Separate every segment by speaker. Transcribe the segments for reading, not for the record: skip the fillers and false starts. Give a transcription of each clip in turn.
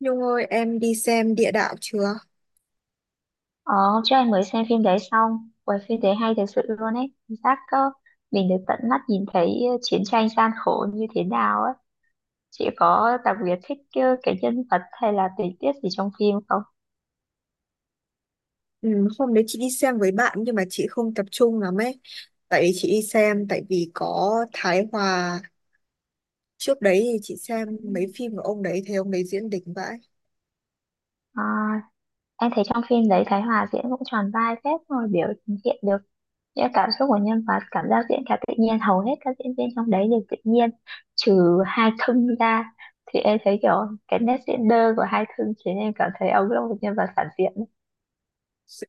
Speaker 1: Nhung ơi, em đi xem địa đạo chưa?
Speaker 2: Ờ, hôm trước em mới xem phim đấy xong. Ui, phim đấy hay thật sự luôn ấy. Cảm giác có mình được tận mắt nhìn thấy chiến tranh gian khổ như thế nào ấy. Chị có đặc biệt thích cái nhân vật hay là tình tiết gì trong phim không?
Speaker 1: Ừ, hôm đấy chị đi xem với bạn nhưng mà chị không tập trung lắm ấy. Tại vì chị đi xem, tại vì có Thái Hòa. Trước đấy thì chị xem mấy phim của ông đấy, thấy ông đấy diễn đỉnh vãi.
Speaker 2: À, em thấy trong phim đấy Thái Hòa diễn cũng tròn vai phết, rồi biểu hiện được những cảm xúc của nhân vật, cảm giác diễn khá tự nhiên, hầu hết các diễn viên trong đấy đều tự nhiên, trừ hai thương ra. Thì em thấy kiểu cái nét diễn đơ của hai thương khiến em cảm thấy ông là một nhân vật phản diện.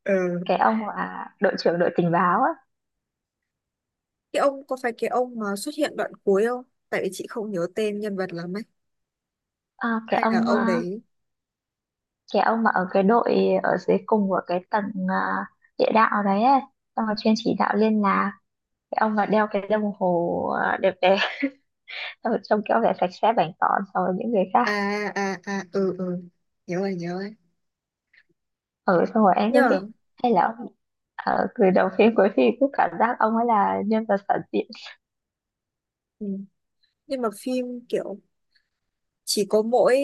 Speaker 1: Ờ.
Speaker 2: Cái ông là đội trưởng đội tình báo á.
Speaker 1: Có phải cái ông mà xuất hiện đoạn cuối không? Tại vì chị không nhớ tên nhân vật lắm ấy.
Speaker 2: À, cái
Speaker 1: Hay là
Speaker 2: ông
Speaker 1: ông
Speaker 2: à,
Speaker 1: đấy?
Speaker 2: cái ông mà ở cái đội ở dưới cùng của cái tầng à, địa đạo đấy ấy. Xong rồi chuyên chỉ đạo liên lạc, cái ông mà đeo cái đồng hồ à, đẹp đẽ xong rồi trông kiểu vẻ sạch sẽ bảnh tỏn so với những người khác.
Speaker 1: À, à, à, ừ, ừ. Nhớ rồi, nhớ rồi.
Speaker 2: Ở xong rồi em
Speaker 1: Nhưng
Speaker 2: cứ
Speaker 1: mà,
Speaker 2: biết, hay là ông ở từ đầu phim cuối phim cứ cảm giác ông ấy là nhân vật phản diện.
Speaker 1: ừ. Nhưng mà phim kiểu chỉ có mỗi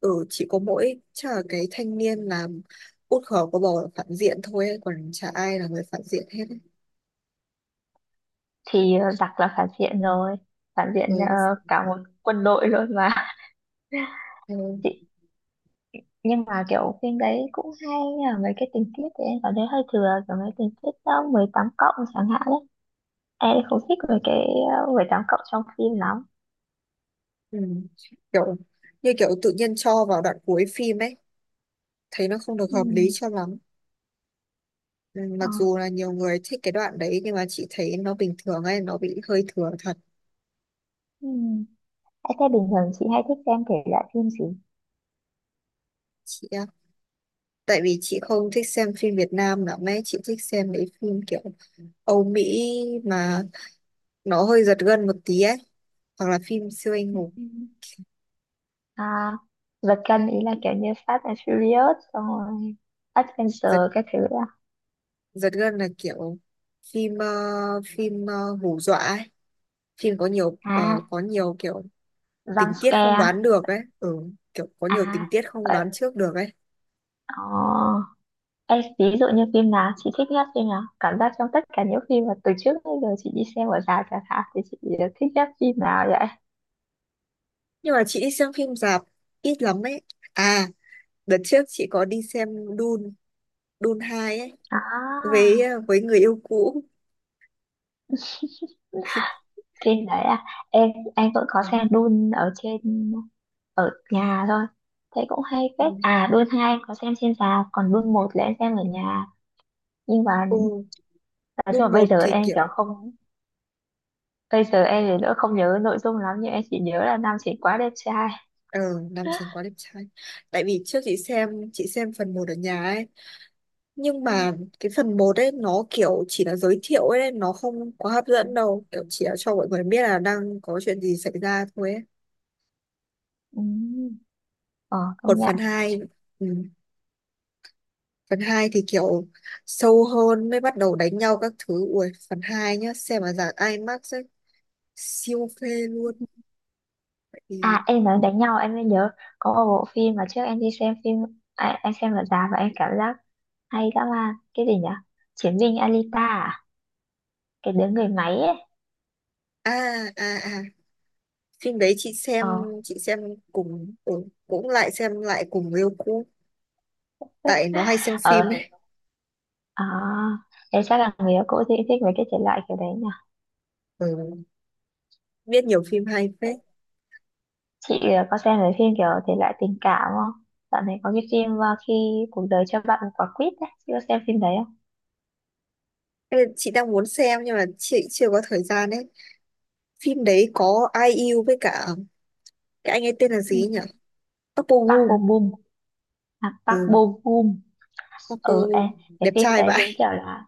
Speaker 1: ừ chỉ có mỗi chắc là cái thanh niên làm út khó có bầu là phản diện thôi ấy, còn chả ai là người phản diện hết ấy.
Speaker 2: Thì giặc là phản diện rồi, phản diện
Speaker 1: Ừ,
Speaker 2: cả một quân đội luôn mà
Speaker 1: ừ.
Speaker 2: chị, nhưng mà kiểu phim đấy cũng hay, nhưng mà mấy cái tình tiết thì em cảm thấy hơi thừa, kiểu mấy tình tiết đó 18+ chẳng hạn đấy, em không thích mấy cái 18+ trong phim lắm.
Speaker 1: Ừ. kiểu kiểu tự nhiên cho vào đoạn cuối phim ấy, thấy nó không được hợp lý
Speaker 2: Ừ.
Speaker 1: cho lắm. Ừ.
Speaker 2: Ờ.
Speaker 1: Mặc dù là nhiều người thích cái đoạn đấy nhưng mà chị thấy nó bình thường ấy, nó bị hơi thừa thật.
Speaker 2: Ừ. Em thấy bình thường chị hay thích xem thể loại phim gì?
Speaker 1: Chị ạ, tại vì chị không thích xem phim Việt Nam lắm ấy, chị thích xem mấy phim kiểu Âu Mỹ mà nó hơi giật gân một tí ấy, hoặc là phim siêu anh hùng.
Speaker 2: Ừm. À, vật cân ý là kiểu như Fast and Furious, xong rồi Adventure các thứ à?
Speaker 1: Giật gân là kiểu phim ờ, phim hù dọa ấy. Phim có nhiều ờ,
Speaker 2: À,
Speaker 1: có nhiều kiểu
Speaker 2: jump
Speaker 1: tình tiết không
Speaker 2: scare.
Speaker 1: đoán được ấy. Ừ, kiểu có nhiều
Speaker 2: À,
Speaker 1: tình tiết không đoán trước được ấy.
Speaker 2: rồi. Ê, ví dụ như phim nào chị thích nhất phim nào? Cảm giác trong tất cả những phim mà từ trước tới giờ chị đi xem ở rạp chẳng hạn, thì chị thích nhất phim nào vậy?
Speaker 1: Nhưng mà chị đi xem phim rạp ít lắm ấy. À, đợt trước chị có đi xem Dune Dune hai ấy,
Speaker 2: À,
Speaker 1: với người yêu cũ.
Speaker 2: phim đấy à? Em anh vẫn có xem
Speaker 1: Đúng.
Speaker 2: Dune ở trên, ở nhà thôi. Thế cũng hay
Speaker 1: Ừ,
Speaker 2: phết. À, Dune 2 em có xem trên rạp, còn Dune 1 là em xem ở nhà. Nhưng mà
Speaker 1: ừ,
Speaker 2: nói chung
Speaker 1: Dune
Speaker 2: là
Speaker 1: 1 thì kiểu
Speaker 2: bây giờ em thì nữa không nhớ nội dung lắm, nhưng em chỉ nhớ là nam chính quá đẹp trai.
Speaker 1: ờ nam chính quá đẹp trai. Tại vì trước chị xem phần một ở nhà ấy, nhưng
Speaker 2: Ừ.
Speaker 1: mà cái phần một ấy nó kiểu chỉ là giới thiệu ấy, nó không quá hấp
Speaker 2: Ừ.
Speaker 1: dẫn đâu, kiểu chỉ là cho mọi người biết là đang có chuyện gì xảy ra thôi ấy.
Speaker 2: Ừ. Ờ,
Speaker 1: Còn
Speaker 2: công nhận.
Speaker 1: phần hai, ừ. Phần 2 thì kiểu sâu hơn, mới bắt đầu đánh nhau các thứ. Ui phần 2 nhá, xem mà dạng IMAX ấy, siêu phê luôn. Thì
Speaker 2: À, em nói đánh nhau em mới nhớ, có một bộ phim mà trước em đi xem phim à, em xem ở rạp và em cảm giác hay dã man, cái gì nhỉ? Chiến binh Alita à? Cái đứa người máy ấy.
Speaker 1: à à à Phim đấy chị xem
Speaker 2: ờ
Speaker 1: chị xem cùng, cũng lại xem lại cùng yêu cũ, tại nó hay xem
Speaker 2: ờ
Speaker 1: phim
Speaker 2: hình-
Speaker 1: ấy.
Speaker 2: à, em chắc là người yêu cũ thì thích mấy cái thể loại kiểu đấy nhỉ.
Speaker 1: Ừ, biết nhiều phim hay phết.
Speaker 2: Chị có xem mấy phim kiểu thể loại tình cảm không? Dạo này có cái phim khi cuộc đời cho bạn một quả quýt ấy, chị có xem phim đấy không?
Speaker 1: Ê, chị đang muốn xem nhưng mà chị chưa có thời gian ấy. Phim đấy có Ai Yêu với cả cái anh ấy tên là gì ấy nhỉ,
Speaker 2: Ừ,
Speaker 1: Park Bo
Speaker 2: Park Bo
Speaker 1: Gum.
Speaker 2: Gum. À, Park
Speaker 1: ừ
Speaker 2: Bo Gum.
Speaker 1: Park Bo
Speaker 2: Ừ, em,
Speaker 1: Gum
Speaker 2: cái
Speaker 1: đẹp
Speaker 2: phim
Speaker 1: trai
Speaker 2: đấy
Speaker 1: vậy.
Speaker 2: đúng kiểu là,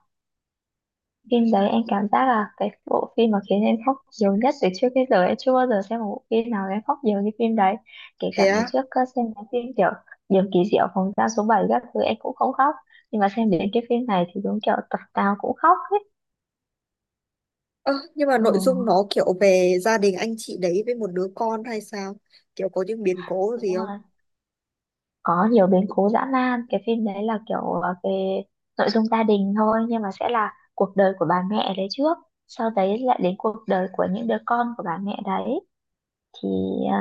Speaker 2: phim đấy em cảm giác là cái bộ phim mà khiến em khóc nhiều nhất từ trước đến giờ. Em chưa bao giờ xem một bộ phim nào em khóc nhiều như phim đấy. Kể
Speaker 1: Thế
Speaker 2: cả ngày
Speaker 1: á?
Speaker 2: trước có xem cái phim kiểu Điều kỳ diệu phòng giam số 7 các thứ em cũng không khóc, nhưng mà xem đến cái phim này thì đúng kiểu tập nào cũng khóc hết.
Speaker 1: Ơ nhưng mà
Speaker 2: Ờ,
Speaker 1: nội dung nó kiểu về gia đình anh chị đấy với một đứa con hay sao, kiểu có những biến cố gì
Speaker 2: đúng
Speaker 1: không?
Speaker 2: rồi. Có nhiều biến cố dã man. Cái phim đấy là kiểu về nội dung gia đình thôi, nhưng mà sẽ là cuộc đời của bà mẹ đấy trước, sau đấy lại đến cuộc đời của những đứa con của bà mẹ đấy. Thì
Speaker 1: Ừ.
Speaker 2: ờ,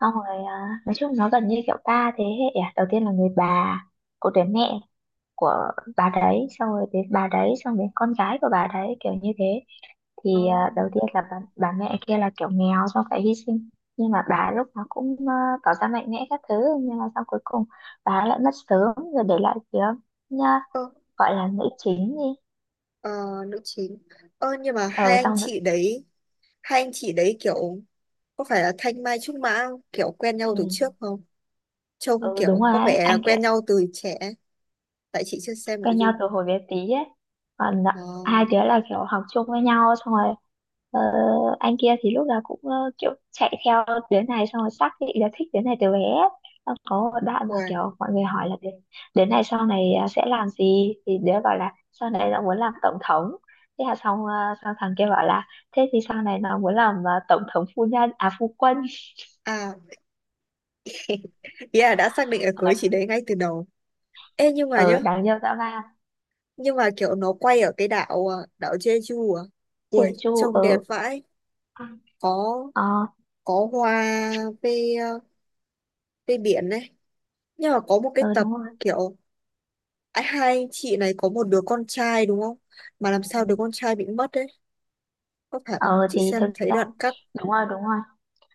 Speaker 2: xong rồi à, nói chung nó gần như kiểu ba thế hệ. À, đầu tiên là người bà của đứa mẹ, của bà đấy, xong rồi đến bà đấy, xong đến con gái của bà đấy, kiểu như thế. Thì
Speaker 1: nó
Speaker 2: à, đầu tiên là bà mẹ kia là kiểu nghèo, xong phải hy sinh, nhưng mà bà lúc nào cũng tỏ ra mạnh mẽ các thứ, nhưng mà sau cuối cùng bà lại mất sớm, rồi để lại phía, nha,
Speaker 1: ơ
Speaker 2: gọi là nữ chính đi.
Speaker 1: ờ, Nữ chính. Ơ nhưng mà hai
Speaker 2: Ờ,
Speaker 1: anh
Speaker 2: xong rồi.
Speaker 1: chị đấy hai anh chị đấy kiểu có phải là thanh mai trúc mã không? Kiểu quen nhau
Speaker 2: Ừ,
Speaker 1: từ trước không? Trông
Speaker 2: ừ đúng
Speaker 1: kiểu
Speaker 2: rồi
Speaker 1: có
Speaker 2: ấy,
Speaker 1: vẻ là
Speaker 2: anh kia
Speaker 1: quen nhau từ trẻ, tại chị chưa xem nội
Speaker 2: quen nhau
Speaker 1: dung.
Speaker 2: từ hồi bé tí ấy. Còn hai
Speaker 1: Oh,
Speaker 2: đứa là kiểu học chung với nhau, xong rồi ờ, anh kia thì lúc nào cũng kiểu chạy theo đứa này, xong rồi xác định là thích đứa này từ bé. Xong có một đoạn mà
Speaker 1: wow.
Speaker 2: kiểu mọi người hỏi là đứa, đứa này sau này à, sẽ làm gì, thì đứa bảo là sau này nó muốn làm tổng thống. Thế là xong, xong thằng kia bảo là thế thì sau này nó muốn làm tổng thống phu nhân, à phu quân.
Speaker 1: À, ý là đã xác định là cưới chị
Speaker 2: Ở,
Speaker 1: đấy ngay từ đầu. Ê nhưng mà
Speaker 2: ở,
Speaker 1: nhá,
Speaker 2: đáng yêu dã man.
Speaker 1: nhưng mà kiểu nó quay ở cái đảo à, đảo Jeju à. Ui
Speaker 2: Jeju
Speaker 1: trông đẹp
Speaker 2: ở.
Speaker 1: vãi,
Speaker 2: Ờ.
Speaker 1: có có hoa, về à, về biển này. Nhưng mà có một cái
Speaker 2: Ờ
Speaker 1: tập
Speaker 2: đúng rồi.
Speaker 1: kiểu hai anh chị này có một đứa con trai đúng không, mà làm sao
Speaker 2: Ừ.
Speaker 1: đứa con trai bị mất đấy? Có phải không,
Speaker 2: Ờ
Speaker 1: chị
Speaker 2: thì
Speaker 1: xem
Speaker 2: thực
Speaker 1: thấy
Speaker 2: ra,
Speaker 1: đoạn cắt.
Speaker 2: đúng rồi, đúng rồi,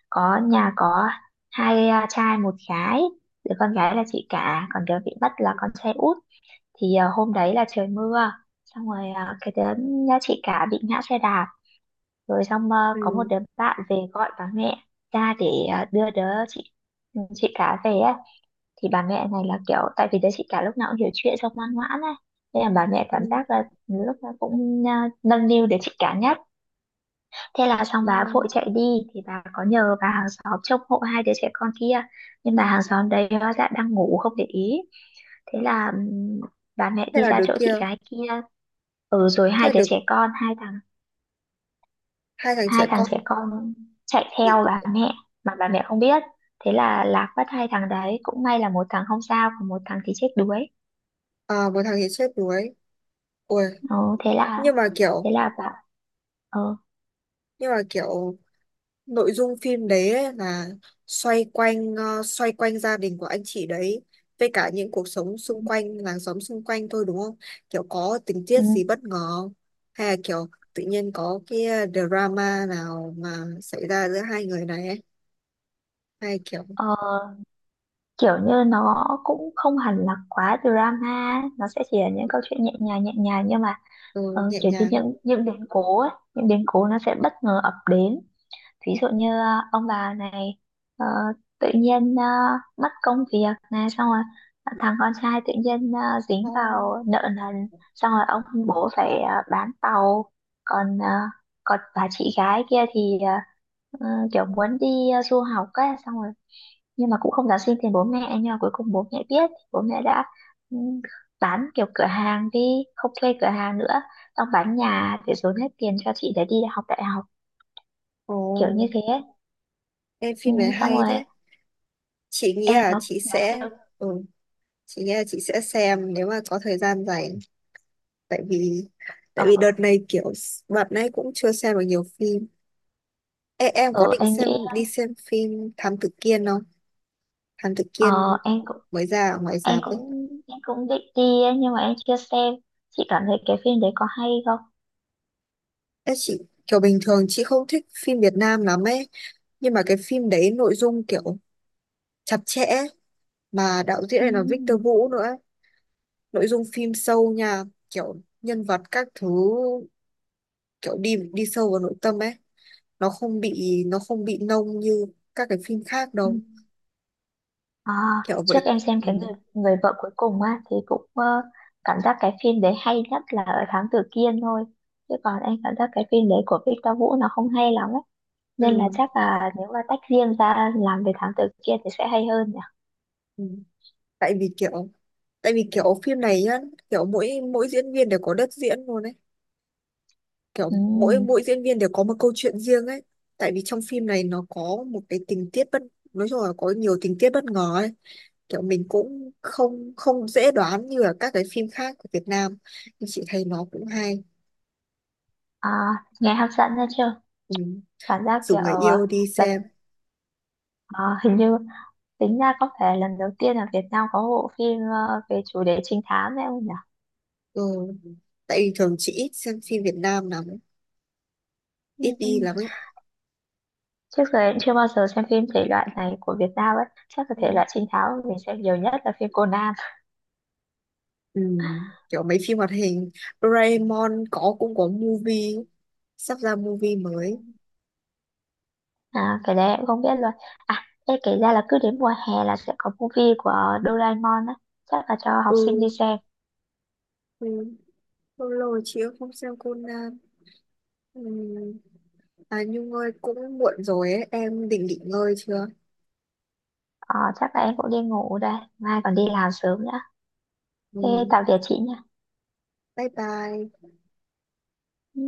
Speaker 2: có nhà có hai à, trai một gái. Đứa con gái là chị cả, còn đứa bị mất là con trai út. Thì à, hôm đấy là trời mưa, xong rồi à, cái đứa nhà chị cả bị ngã xe đạp, rồi xong à, có một
Speaker 1: Ừ.
Speaker 2: đứa bạn về gọi bà mẹ ra để à, đưa đứa chị cả về ấy. Thì bà mẹ này là kiểu tại vì đứa chị cả lúc nào cũng hiểu chuyện, xong ngoan ngoãn ấy, nên là bà mẹ cảm
Speaker 1: Ừ.
Speaker 2: giác là lúc nào cũng à, nâng niu đứa chị cả nhất. Thế là xong,
Speaker 1: Ừ.
Speaker 2: bà vội chạy đi. Thì bà có nhờ bà hàng xóm trông hộ hai đứa trẻ con kia, nhưng bà hàng xóm đấy hóa ra đang ngủ không để ý. Thế là bà mẹ
Speaker 1: thế
Speaker 2: đi
Speaker 1: là
Speaker 2: ra
Speaker 1: đứa
Speaker 2: chỗ
Speaker 1: kia
Speaker 2: chị gái kia. Ừ, rồi
Speaker 1: thế
Speaker 2: hai
Speaker 1: là
Speaker 2: đứa
Speaker 1: được
Speaker 2: trẻ con hai thằng
Speaker 1: Hai thằng
Speaker 2: hai
Speaker 1: trẻ
Speaker 2: thằng
Speaker 1: con
Speaker 2: trẻ con chạy
Speaker 1: bị
Speaker 2: theo bà mẹ mà bà mẹ không biết. Thế là lạc mất hai thằng đấy. Cũng may là một thằng không sao, còn một thằng thì chết đuối.
Speaker 1: một thằng thì chết đuối. Ôi,
Speaker 2: Ừ, thế là,
Speaker 1: nhưng mà kiểu
Speaker 2: thế là bà. Ờ.
Speaker 1: nhưng mà kiểu nội dung phim đấy ấy là xoay quanh gia đình của anh chị đấy, với cả những cuộc sống
Speaker 2: Ừ,
Speaker 1: xung quanh, làng xóm xung quanh thôi đúng không? Kiểu có tình
Speaker 2: ừ.
Speaker 1: tiết gì bất ngờ không? Hay là kiểu tự nhiên có cái drama nào mà xảy ra giữa hai người này ấy? Hay kiểu
Speaker 2: Ờ, kiểu như nó cũng không hẳn là quá drama, nó sẽ chỉ là những câu chuyện nhẹ nhàng nhẹ nhàng, nhưng mà
Speaker 1: Ừ, nhẹ
Speaker 2: kiểu như
Speaker 1: nhàng.
Speaker 2: những biến cố ấy, những biến cố nó sẽ bất ngờ ập đến. Ví dụ như ông bà này ờ, tự nhiên mất công việc này, xong rồi thằng con trai tự nhiên dính
Speaker 1: Ồ,
Speaker 2: vào nợ nần, xong rồi ông bố phải bán tàu. Còn ờ, còn bà chị gái kia thì ờ, kiểu muốn đi du học ấy, xong rồi nhưng mà cũng không dám xin tiền bố mẹ, nhưng mà cuối cùng bố mẹ biết, bố mẹ đã ừ, bán kiểu cửa hàng đi, không thuê cửa hàng nữa, xong bán nhà để dồn hết tiền cho chị để đi học đại học,
Speaker 1: ồ,
Speaker 2: kiểu như thế.
Speaker 1: em
Speaker 2: Ừ,
Speaker 1: phim này
Speaker 2: xong
Speaker 1: hay
Speaker 2: rồi
Speaker 1: thế. Chị nghĩ
Speaker 2: em
Speaker 1: là
Speaker 2: nó
Speaker 1: chị
Speaker 2: nó
Speaker 1: sẽ
Speaker 2: kêu.
Speaker 1: ừ, chị nghĩ là chị sẽ xem nếu mà có thời gian rảnh. tại vì tại vì đợt
Speaker 2: Ở,
Speaker 1: này kiểu s- đợt này cũng chưa xem được nhiều phim. Ê, em có
Speaker 2: ở,
Speaker 1: định
Speaker 2: em
Speaker 1: xem
Speaker 2: nghĩ
Speaker 1: đi xem phim Thám Tử Kiên không? Thám Tử
Speaker 2: ờ,
Speaker 1: Kiên
Speaker 2: em cũng
Speaker 1: mới ra ở ngoài rạp ấy.
Speaker 2: em cũng định đi ấy, nhưng mà em chưa xem. Chị cảm thấy cái phim đấy có hay không?
Speaker 1: Ê, chị kiểu bình thường chị không thích phim Việt Nam lắm ấy, nhưng mà cái phim đấy nội dung kiểu chặt chẽ, mà đạo diễn
Speaker 2: Ừ.
Speaker 1: này là Victor Vũ nữa ấy. Nội dung phim sâu nha, kiểu nhân vật các thứ, kiểu đi đi sâu vào nội tâm ấy, nó không bị nông như các cái phim khác
Speaker 2: Ừ.
Speaker 1: đâu,
Speaker 2: À,
Speaker 1: kiểu
Speaker 2: trước
Speaker 1: vậy.
Speaker 2: em xem
Speaker 1: Ừ.
Speaker 2: cái người người vợ cuối cùng á thì cũng cảm giác cái phim đấy hay nhất là ở Thám Tử Kiên thôi. Chứ còn em cảm giác cái phim đấy của Victor Vũ nó không hay lắm ấy,
Speaker 1: Ừ.
Speaker 2: nên là chắc là nếu mà tách riêng ra làm về Thám Tử Kiên thì sẽ hay hơn nhỉ.
Speaker 1: Ừ. tại vì kiểu tại vì kiểu phim này nhá, kiểu mỗi mỗi diễn viên đều có đất diễn luôn ấy, kiểu
Speaker 2: Ừ.
Speaker 1: mỗi mỗi diễn viên đều có một câu chuyện riêng ấy. Tại vì trong phim này nó có một cái tình tiết bất nói chung là có nhiều tình tiết bất ngờ ấy, kiểu mình cũng không không dễ đoán như là các cái phim khác của Việt Nam, nhưng chị thấy nó cũng hay.
Speaker 2: À, nghe hấp dẫn nha chứ.
Speaker 1: Ừ,
Speaker 2: Cảm giác
Speaker 1: rủ
Speaker 2: kiểu
Speaker 1: người yêu đi
Speaker 2: lần
Speaker 1: xem.
Speaker 2: ờ, hình như tính ra có phải lần đầu tiên là Việt Nam có bộ phim về chủ đề trinh thám đấy không nhỉ?
Speaker 1: Ừ, tại vì thường chị ít xem phim Việt Nam lắm ấy,
Speaker 2: Ừ,
Speaker 1: ít
Speaker 2: ừ.
Speaker 1: đi lắm ấy.
Speaker 2: Trước giờ em chưa bao giờ xem phim thể loại này của Việt Nam ấy, chắc là thể
Speaker 1: Ừ.
Speaker 2: loại trinh thám mình xem nhiều nhất là phim Conan.
Speaker 1: Ừ, kiểu mấy phim hoạt hình Doraemon cũng có movie, sắp ra movie
Speaker 2: Ừ.
Speaker 1: mới.
Speaker 2: À, cái đấy em không biết luôn. À, em kể ra là cứ đến mùa hè là sẽ có movie của Doraemon á, chắc là cho học
Speaker 1: Ừ,
Speaker 2: sinh đi xem.
Speaker 1: ừ. Lâu rồi chị cũng không xem Conan. Ừ. À Nhung ơi, cũng muộn rồi ấy, em định nghỉ ngơi chưa?
Speaker 2: Ờ, chắc là em cũng đi ngủ đây, mai còn đi làm sớm nữa. Thế
Speaker 1: Ừ.
Speaker 2: tạm biệt chị nha.
Speaker 1: Bye bye.
Speaker 2: Ừ.